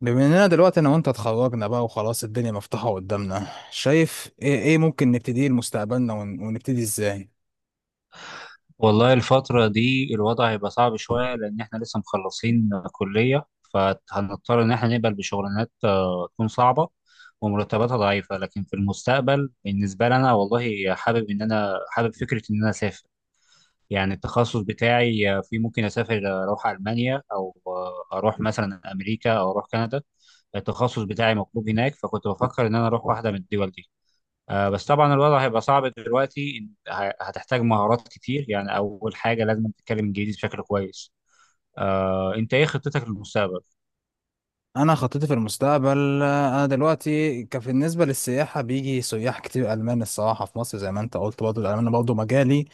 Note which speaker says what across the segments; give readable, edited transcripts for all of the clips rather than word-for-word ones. Speaker 1: بما اننا دلوقتي انا وانت اتخرجنا بقى وخلاص، الدنيا مفتوحة قدامنا. شايف ايه، ايه ممكن نبتديه لمستقبلنا ونبتدي ازاي؟
Speaker 2: والله الفترة دي الوضع هيبقى صعب شوية لأن إحنا لسه مخلصين كلية، فهنضطر إن إحنا نقبل بشغلانات تكون صعبة ومرتباتها ضعيفة. لكن في المستقبل بالنسبة لنا، والله حابب إن أنا حابب فكرة إن أنا أسافر. يعني التخصص بتاعي فيه ممكن أسافر، أروح ألمانيا، أو أروح مثلا أمريكا، أو أروح كندا. التخصص بتاعي مطلوب هناك، فكنت بفكر إن أنا أروح واحدة من الدول دي. بس طبعا الوضع هيبقى صعب دلوقتي، هتحتاج مهارات كتير. يعني اول حاجه لازم تتكلم انجليزي بشكل كويس. انت ايه خطتك للمستقبل؟
Speaker 1: انا خطتي في المستقبل. انا دلوقتي كان بالنسبة للسياحة بيجي سياح كتير المان. الصراحة في مصر زي ما انت قلت برضه الالمان برضه مجالي.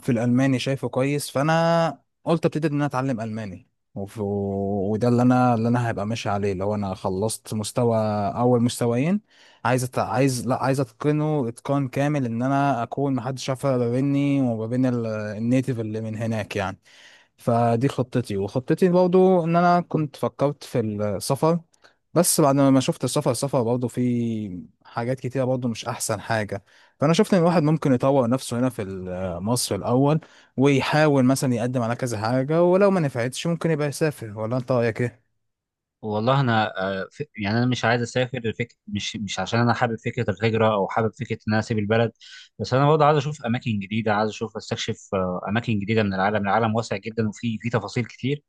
Speaker 1: في الالماني شايفه كويس، فانا قلت ابتدي ان انا اتعلم الماني. وده اللي انا هبقى ماشي عليه. لو انا خلصت مستوى اول مستويين، عايز أت... عايز لا عايز اتقنه اتقان كامل، ان انا اكون محدش يعرف ما بيني وما بين النيتيف اللي من هناك يعني. فدي خطتي، وخطتي برضو ان انا كنت فكرت في السفر. بس بعد ما شفت السفر، برضو في حاجات كتيرة برضو مش احسن حاجة. فانا شفت ان الواحد ممكن يطور نفسه هنا في مصر الاول، ويحاول مثلا يقدم على كذا حاجة، ولو ما نفعتش ممكن يبقى يسافر. ولا انت رايك ايه؟
Speaker 2: والله انا، يعني انا مش عايز اسافر مش عشان انا حابب فكره الهجره، او حابب فكره ان انا اسيب البلد. بس انا برضه عايز اشوف اماكن جديده، عايز اشوف استكشف اماكن جديده من العالم. العالم واسع جدا، وفي تفاصيل كتير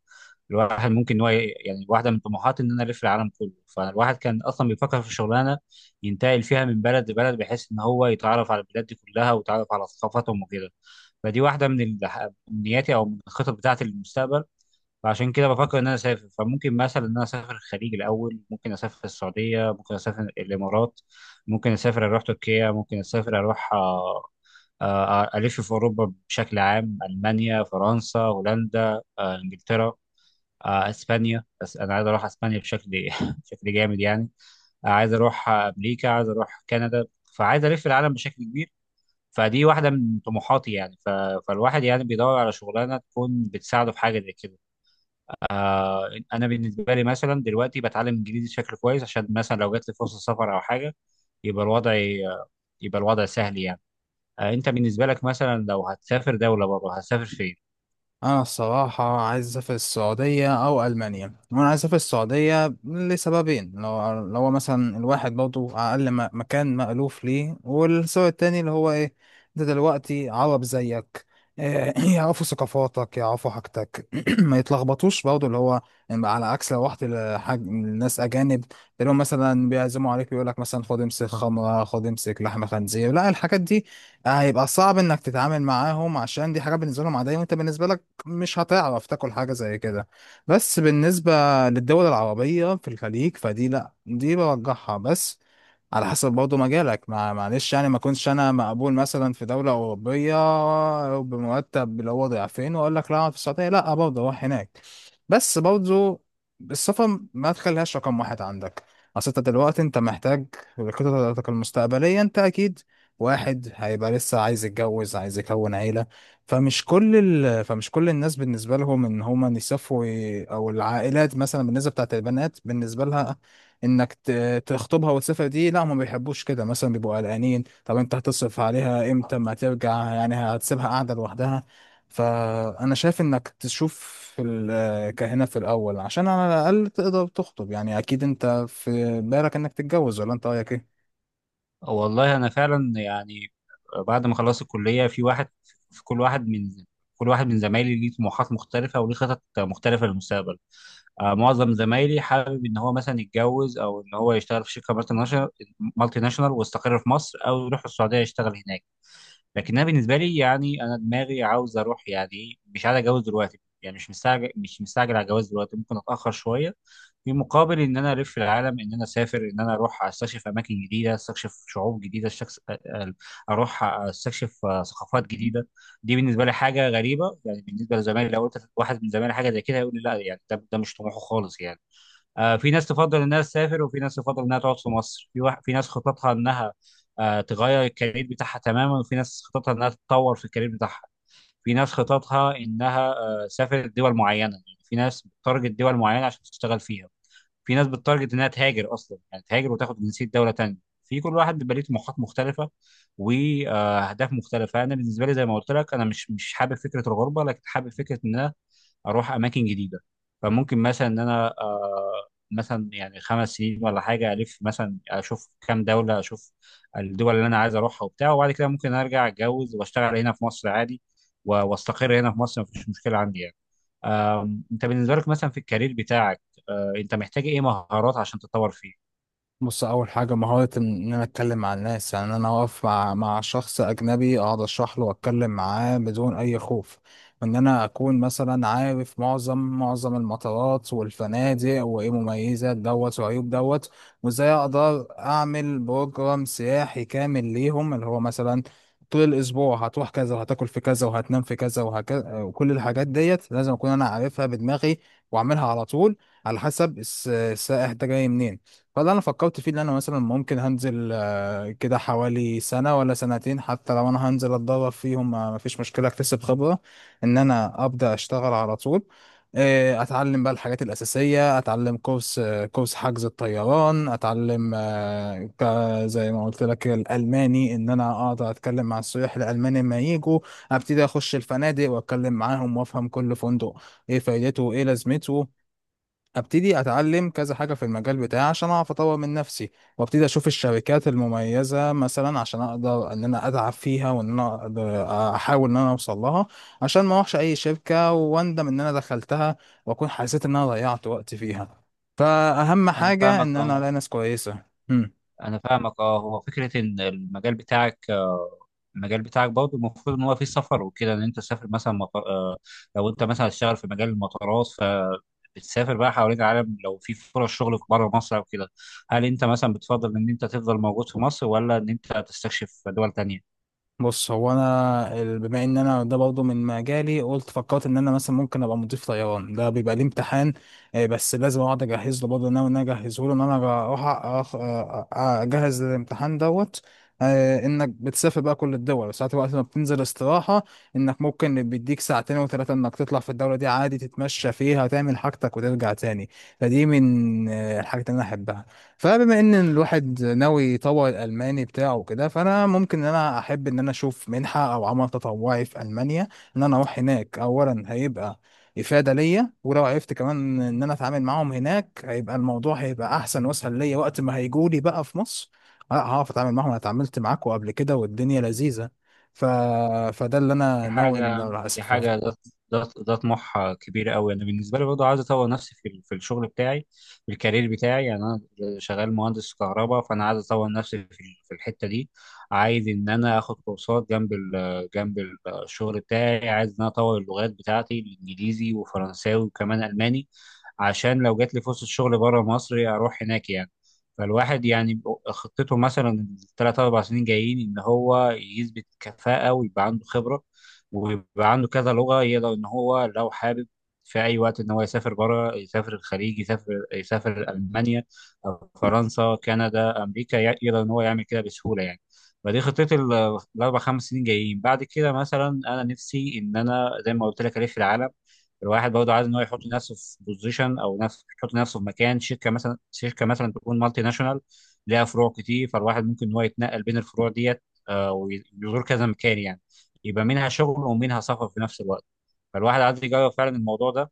Speaker 2: الواحد ممكن إن هو يعني واحده من طموحاتي ان انا الف العالم كله. فالواحد كان اصلا بيفكر في شغلانه ينتقل فيها من بلد لبلد، بحيث ان هو يتعرف على البلاد دي كلها ويتعرف على ثقافاتهم وكده. فدي واحده من من نياتي او من الخطط بتاعتي للمستقبل. فعشان كده بفكر ان انا اسافر، فممكن مثلا ان انا اسافر الخليج الاول، ممكن اسافر السعوديه، ممكن اسافر الامارات، ممكن اسافر اروح تركيا، ممكن اسافر اروح الف في اوروبا بشكل عام، المانيا، فرنسا، هولندا، انجلترا، اسبانيا. بس انا عايز اروح اسبانيا بشكل بشكل جامد يعني. عايز اروح امريكا، عايز اروح كندا. فعايز الف العالم بشكل كبير. فدي واحده من طموحاتي يعني فالواحد يعني بيدور على شغلانه تكون بتساعده في حاجه زي كده. انا بالنسبه لي مثلا دلوقتي بتعلم انجليزي بشكل كويس، عشان مثلا لو جات لي فرصه سفر او حاجه يبقى الوضع يبقى الوضع سهل يعني. انت بالنسبه لك مثلا لو هتسافر دوله بره، هتسافر فين؟
Speaker 1: انا الصراحه عايز اسافر السعوديه او المانيا. وانا عايز اسافر السعوديه لسببين: لو هو مثلا الواحد برضه اقل مكان مألوف ليه، والسبب التاني اللي هو ايه؟ انت دلوقتي عرب زيك. إيه، يعرفوا ثقافاتك، يعرفوا حاجتك. ما يتلخبطوش برضه اللي هو، يعني على عكس لو رحت لحاج ناس اجانب، تلاقيهم مثلا بيعزموا عليك، بيقول لك مثلا خد امسك خمره، خد امسك لحمه خنزير. لا، الحاجات دي هيبقى صعب انك تتعامل معاهم، عشان دي حاجه بالنسبه لهم عاديه وانت بالنسبه لك مش هتعرف تاكل حاجة زي كده. بس بالنسبة للدول العربية في الخليج فدي لا، دي برجحها. بس على حسب برضه مجالك، ما معلش يعني، ما كنتش انا مقبول مثلا في دولة أوروبية بمرتب اللي هو ضعفين، واقول لك لا أقعد في السعودية. لا، برضه اروح هناك. بس برضه السفر ما تخليهاش رقم واحد عندك. اصل انت دلوقتي انت محتاج خططك المستقبلية. انت اكيد واحد هيبقى لسه عايز يتجوز، عايز يكون عيلة. فمش كل فمش كل الناس بالنسبة لهم ان هما يسافروا، او العائلات مثلا بالنسبة بتاعت البنات، بالنسبة لها انك تخطبها وتسافر، دي لا ما بيحبوش كده مثلا، بيبقوا قلقانين. طب انت هتصرف عليها امتى؟ ما ترجع يعني هتسيبها قاعدة لوحدها. فانا شايف انك تشوف في كهنة في الاول عشان على الاقل تقدر تخطب. يعني اكيد انت في بالك انك تتجوز، ولا انت رايك ايه؟
Speaker 2: والله انا فعلا يعني بعد ما خلصت الكليه، في واحد في كل واحد من زمايلي ليه طموحات مختلفه وليه خطط مختلفه للمستقبل. معظم زمايلي حابب ان هو مثلا يتجوز، او ان هو يشتغل في شركه مالتي ناشونال ويستقر في مصر، او يروح السعوديه يشتغل هناك. لكن انا بالنسبه لي يعني انا دماغي عاوز اروح. يعني مش عايز اتجوز دلوقتي يعني، مش مستعجل، مش مستعجل على الجواز دلوقتي، ممكن اتاخر شويه في مقابل ان انا الف العالم، ان انا اسافر، ان انا اروح استكشف اماكن جديده، استكشف شعوب جديده، استكشف ثقافات جديده. دي بالنسبه لي حاجه غريبه. يعني بالنسبه لزمايلي لو قلت واحد من زمايلي حاجه زي كده هيقول لي لا. يعني ده مش طموحه خالص يعني. في ناس تفضل انها تسافر، وفي ناس تفضل انها تقعد في مصر، في ناس خططها انها تغير الكارير بتاعها تماما، وفي ناس خططها انها تتطور في الكارير بتاعها، في ناس خططها انها تسافر دول معينه. يعني في ناس بتارجت دول معينه عشان تشتغل فيها، في ناس بتارجت انها تهاجر اصلا، يعني تهاجر وتاخد جنسيه دوله تانيه. في كل واحد بيبقى ليه طموحات مختلفه واهداف مختلفه. انا بالنسبه لي زي ما قلت لك، انا مش حابب فكره الغربه، لكن حابب فكره ان انا اروح اماكن جديده. فممكن مثلا ان انا مثلا يعني 5 سنين ولا حاجه الف، مثلا اشوف كام دوله، اشوف الدول اللي انا عايز اروحها وبتاع، وبعد كده ممكن ارجع اتجوز واشتغل هنا في مصر عادي، واستقر هنا في مصر، مفيش مشكله عندي يعني. انت بالنسبه لك مثلا في الكارير بتاعك، انت محتاج ايه مهارات عشان تتطور فيه؟
Speaker 1: بص، اول حاجه مهاره ان انا اتكلم مع الناس، يعني إن انا اقف مع شخص اجنبي، اقعد اشرح له واتكلم معاه بدون اي خوف. وان انا اكون مثلا عارف معظم المطارات والفنادق، وايه مميزات دوت وعيوب دوت، وازاي اقدر اعمل بروجرام سياحي كامل ليهم، اللي هو مثلا طول الاسبوع هتروح كذا وهتاكل في كذا وهتنام في كذا وهكذا. وكل الحاجات ديت لازم اكون انا عارفها بدماغي، واعملها على طول على حسب السائح ده جاي منين. فاللي انا فكرت فيه ان انا مثلا ممكن هنزل كده حوالي سنه ولا سنتين، حتى لو انا هنزل اتدرب فيهم ما فيش مشكله، اكتسب خبره، ان انا ابدا اشتغل على طول. اتعلم بقى الحاجات الاساسيه، اتعلم كورس، كورس حجز الطيران، اتعلم زي ما قلت لك الالماني، ان انا اقدر اتكلم مع السياح الالمان لما يجوا. ابتدي اخش الفنادق واتكلم معاهم وافهم كل فندق ايه فايدته وايه لازمته. ابتدي اتعلم كذا حاجه في المجال بتاعي عشان اعرف اطور من نفسي، وابتدي اشوف الشركات المميزه مثلا عشان اقدر ان انا اتعب فيها، احاول ان انا اوصل لها، عشان ما اروحش اي شركه واندم ان انا دخلتها واكون حسيت ان انا ضيعت وقت فيها. فاهم
Speaker 2: انا
Speaker 1: حاجه
Speaker 2: فاهمك
Speaker 1: ان
Speaker 2: اه.
Speaker 1: انا الاقي ناس كويسه.
Speaker 2: هو فكره ان المجال بتاعك، برضه المفروض ان هو فيه سفر وكده، ان انت تسافر مثلا مطار. لو انت مثلا هتشتغل في مجال المطارات، بتسافر بقى حوالين العالم. لو في فرص شغل في بره مصر او كده، هل انت مثلا بتفضل ان انت تفضل موجود في مصر، ولا ان انت تستكشف دول تانية؟
Speaker 1: بص، هو انا بما ان انا ده برضه من مجالي، قلت فكرت ان انا مثلا ممكن ابقى مضيف طيران. ده بيبقى ليه امتحان بس لازم اقعد اجهز له. برضه ناوي ان انا اجهزه له، ان انا اروح أخ- اجهز الامتحان دوت. انك بتسافر بقى كل الدول، ساعات وقت ما بتنزل استراحة، انك ممكن بيديك ساعتين وثلاثة انك تطلع في الدولة دي عادي، تتمشى فيها تعمل حاجتك وترجع تاني. فدي من الحاجات اللي انا احبها. فبما ان الواحد ناوي يطور الالماني بتاعه وكده، فانا ممكن ان انا احب ان انا اشوف منحه او عمل تطوعي في المانيا، ان انا اروح هناك. اولا هيبقى افاده ليا، ولو عرفت كمان ان انا اتعامل معاهم هناك هيبقى الموضوع هيبقى احسن واسهل ليا وقت ما هيجولي بقى في مصر. لا، هعرف اتعامل معاهم، انا اتعاملت معاكم قبل كده والدنيا لذيذه. ف... فده اللي
Speaker 2: دي
Speaker 1: انا ناوي ان
Speaker 2: حاجة
Speaker 1: انا
Speaker 2: دي
Speaker 1: اسافر.
Speaker 2: حاجة ده ده ده طموح كبير قوي. أنا بالنسبة لي برضه عايز أطور نفسي في في الشغل بتاعي، في الكارير بتاعي. يعني أنا شغال مهندس كهرباء، فأنا عايز أطور نفسي في في الحتة دي. عايز إن أنا آخد كورسات جنب الشغل بتاعي. عايز إن أنا أطور اللغات بتاعتي: الإنجليزي وفرنساوي وكمان ألماني، عشان لو جات لي فرصة شغل بره مصر أروح هناك يعني. فالواحد يعني خطته مثلا الثلاث أربع سنين جايين إن هو يثبت كفاءة، ويبقى عنده خبرة، ويبقى عنده كذا لغة، يقدر إن هو لو حابب في أي وقت إن هو يسافر بره، يسافر الخليج، يسافر ألمانيا أو فرنسا، كندا، أمريكا، يقدر إن هو يعمل كده بسهولة يعني. فدي خطتي الأربع خمس سنين جايين. بعد كده مثلا أنا نفسي إن أنا زي ما قلت لك ألف العالم. الواحد برضه عايز إن هو يحط نفسه في بوزيشن، أو نفس يحط نفسه في مكان شركة، مثلا تكون مالتي ناشونال ليها فروع كتير، فالواحد ممكن إن هو يتنقل بين الفروع ديت. ويزور كذا مكان يعني. يبقى منها شغل ومنها سفر في نفس الوقت. فالواحد عايز يجرب فعلا الموضوع ده.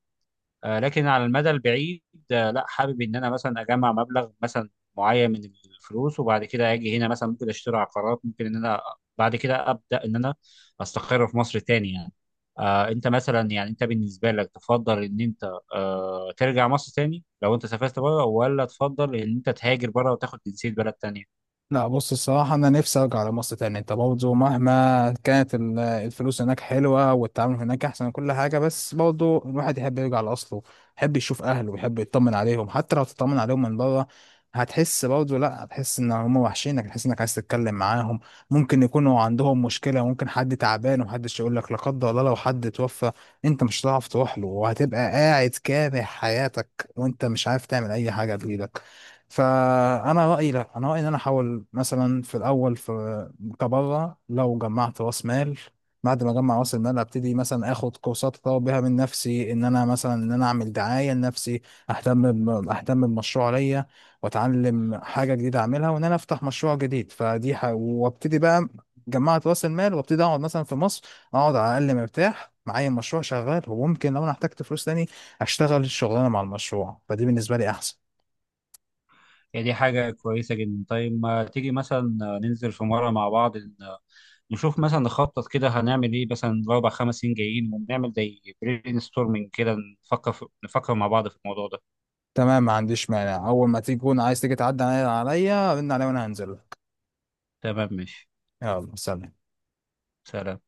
Speaker 2: لكن على المدى البعيد، لا حابب ان انا مثلا اجمع مبلغ مثلا معين من الفلوس، وبعد كده اجي هنا مثلا ممكن اشتري عقارات، ممكن ان انا بعد كده ابدا ان انا استقر في مصر تاني يعني. انت مثلا يعني انت بالنسبه لك، تفضل ان انت ترجع مصر تاني لو انت سافرت بره، ولا تفضل ان انت تهاجر بره وتاخد جنسيه بلد تانية؟
Speaker 1: لا، بص الصراحة أنا نفسي أرجع لمصر تاني. أنت برضه مهما كانت الفلوس هناك حلوة والتعامل هناك أحسن وكل حاجة، بس برضه الواحد يحب يرجع لأصله، يحب يشوف أهله ويحب يطمن عليهم. حتى لو تطمن عليهم من بره هتحس برضه، لأ هتحس إن هم وحشينك، هتحس إنك عايز تتكلم معاهم. ممكن يكونوا عندهم مشكلة، ممكن حد تعبان ومحدش يقول لك. لا قدر الله لو حد توفى أنت مش هتعرف تروح له، وهتبقى قاعد كاره حياتك وأنت مش عارف تعمل أي حاجة بإيدك. فانا رايي، لا انا رايي ان انا احاول مثلا في الاول في كبره لو جمعت راس مال، بعد ما اجمع راس المال ابتدي مثلا اخد كورسات اطور بيها من نفسي، ان انا مثلا ان انا اعمل دعايه لنفسي، اهتم اهتم بمشروع ليا، واتعلم حاجه جديده اعملها، وان انا افتح مشروع جديد. وابتدي بقى جمعت راس المال وابتدي اقعد مثلا في مصر، اقعد على الاقل مرتاح معايا مشروع شغال. وممكن لو انا احتجت فلوس تاني اشتغل الشغلانه مع المشروع. فدي بالنسبه لي احسن.
Speaker 2: هي دي حاجه كويسه جدا. طيب ما تيجي مثلا ننزل في مره مع بعض، نشوف مثلا نخطط كده هنعمل ايه مثلا الاربع خمس سنين جايين، ونعمل زي برين ستورمنج كده. نفكر مع بعض في الموضوع ده.
Speaker 1: تمام، ما عنديش مانع. اول ما تيجي تكون عايز تيجي تعدي عليا، رن عليا وانا هنزل لك.
Speaker 2: تمام، ماشي،
Speaker 1: يلا، سلام.
Speaker 2: سلام.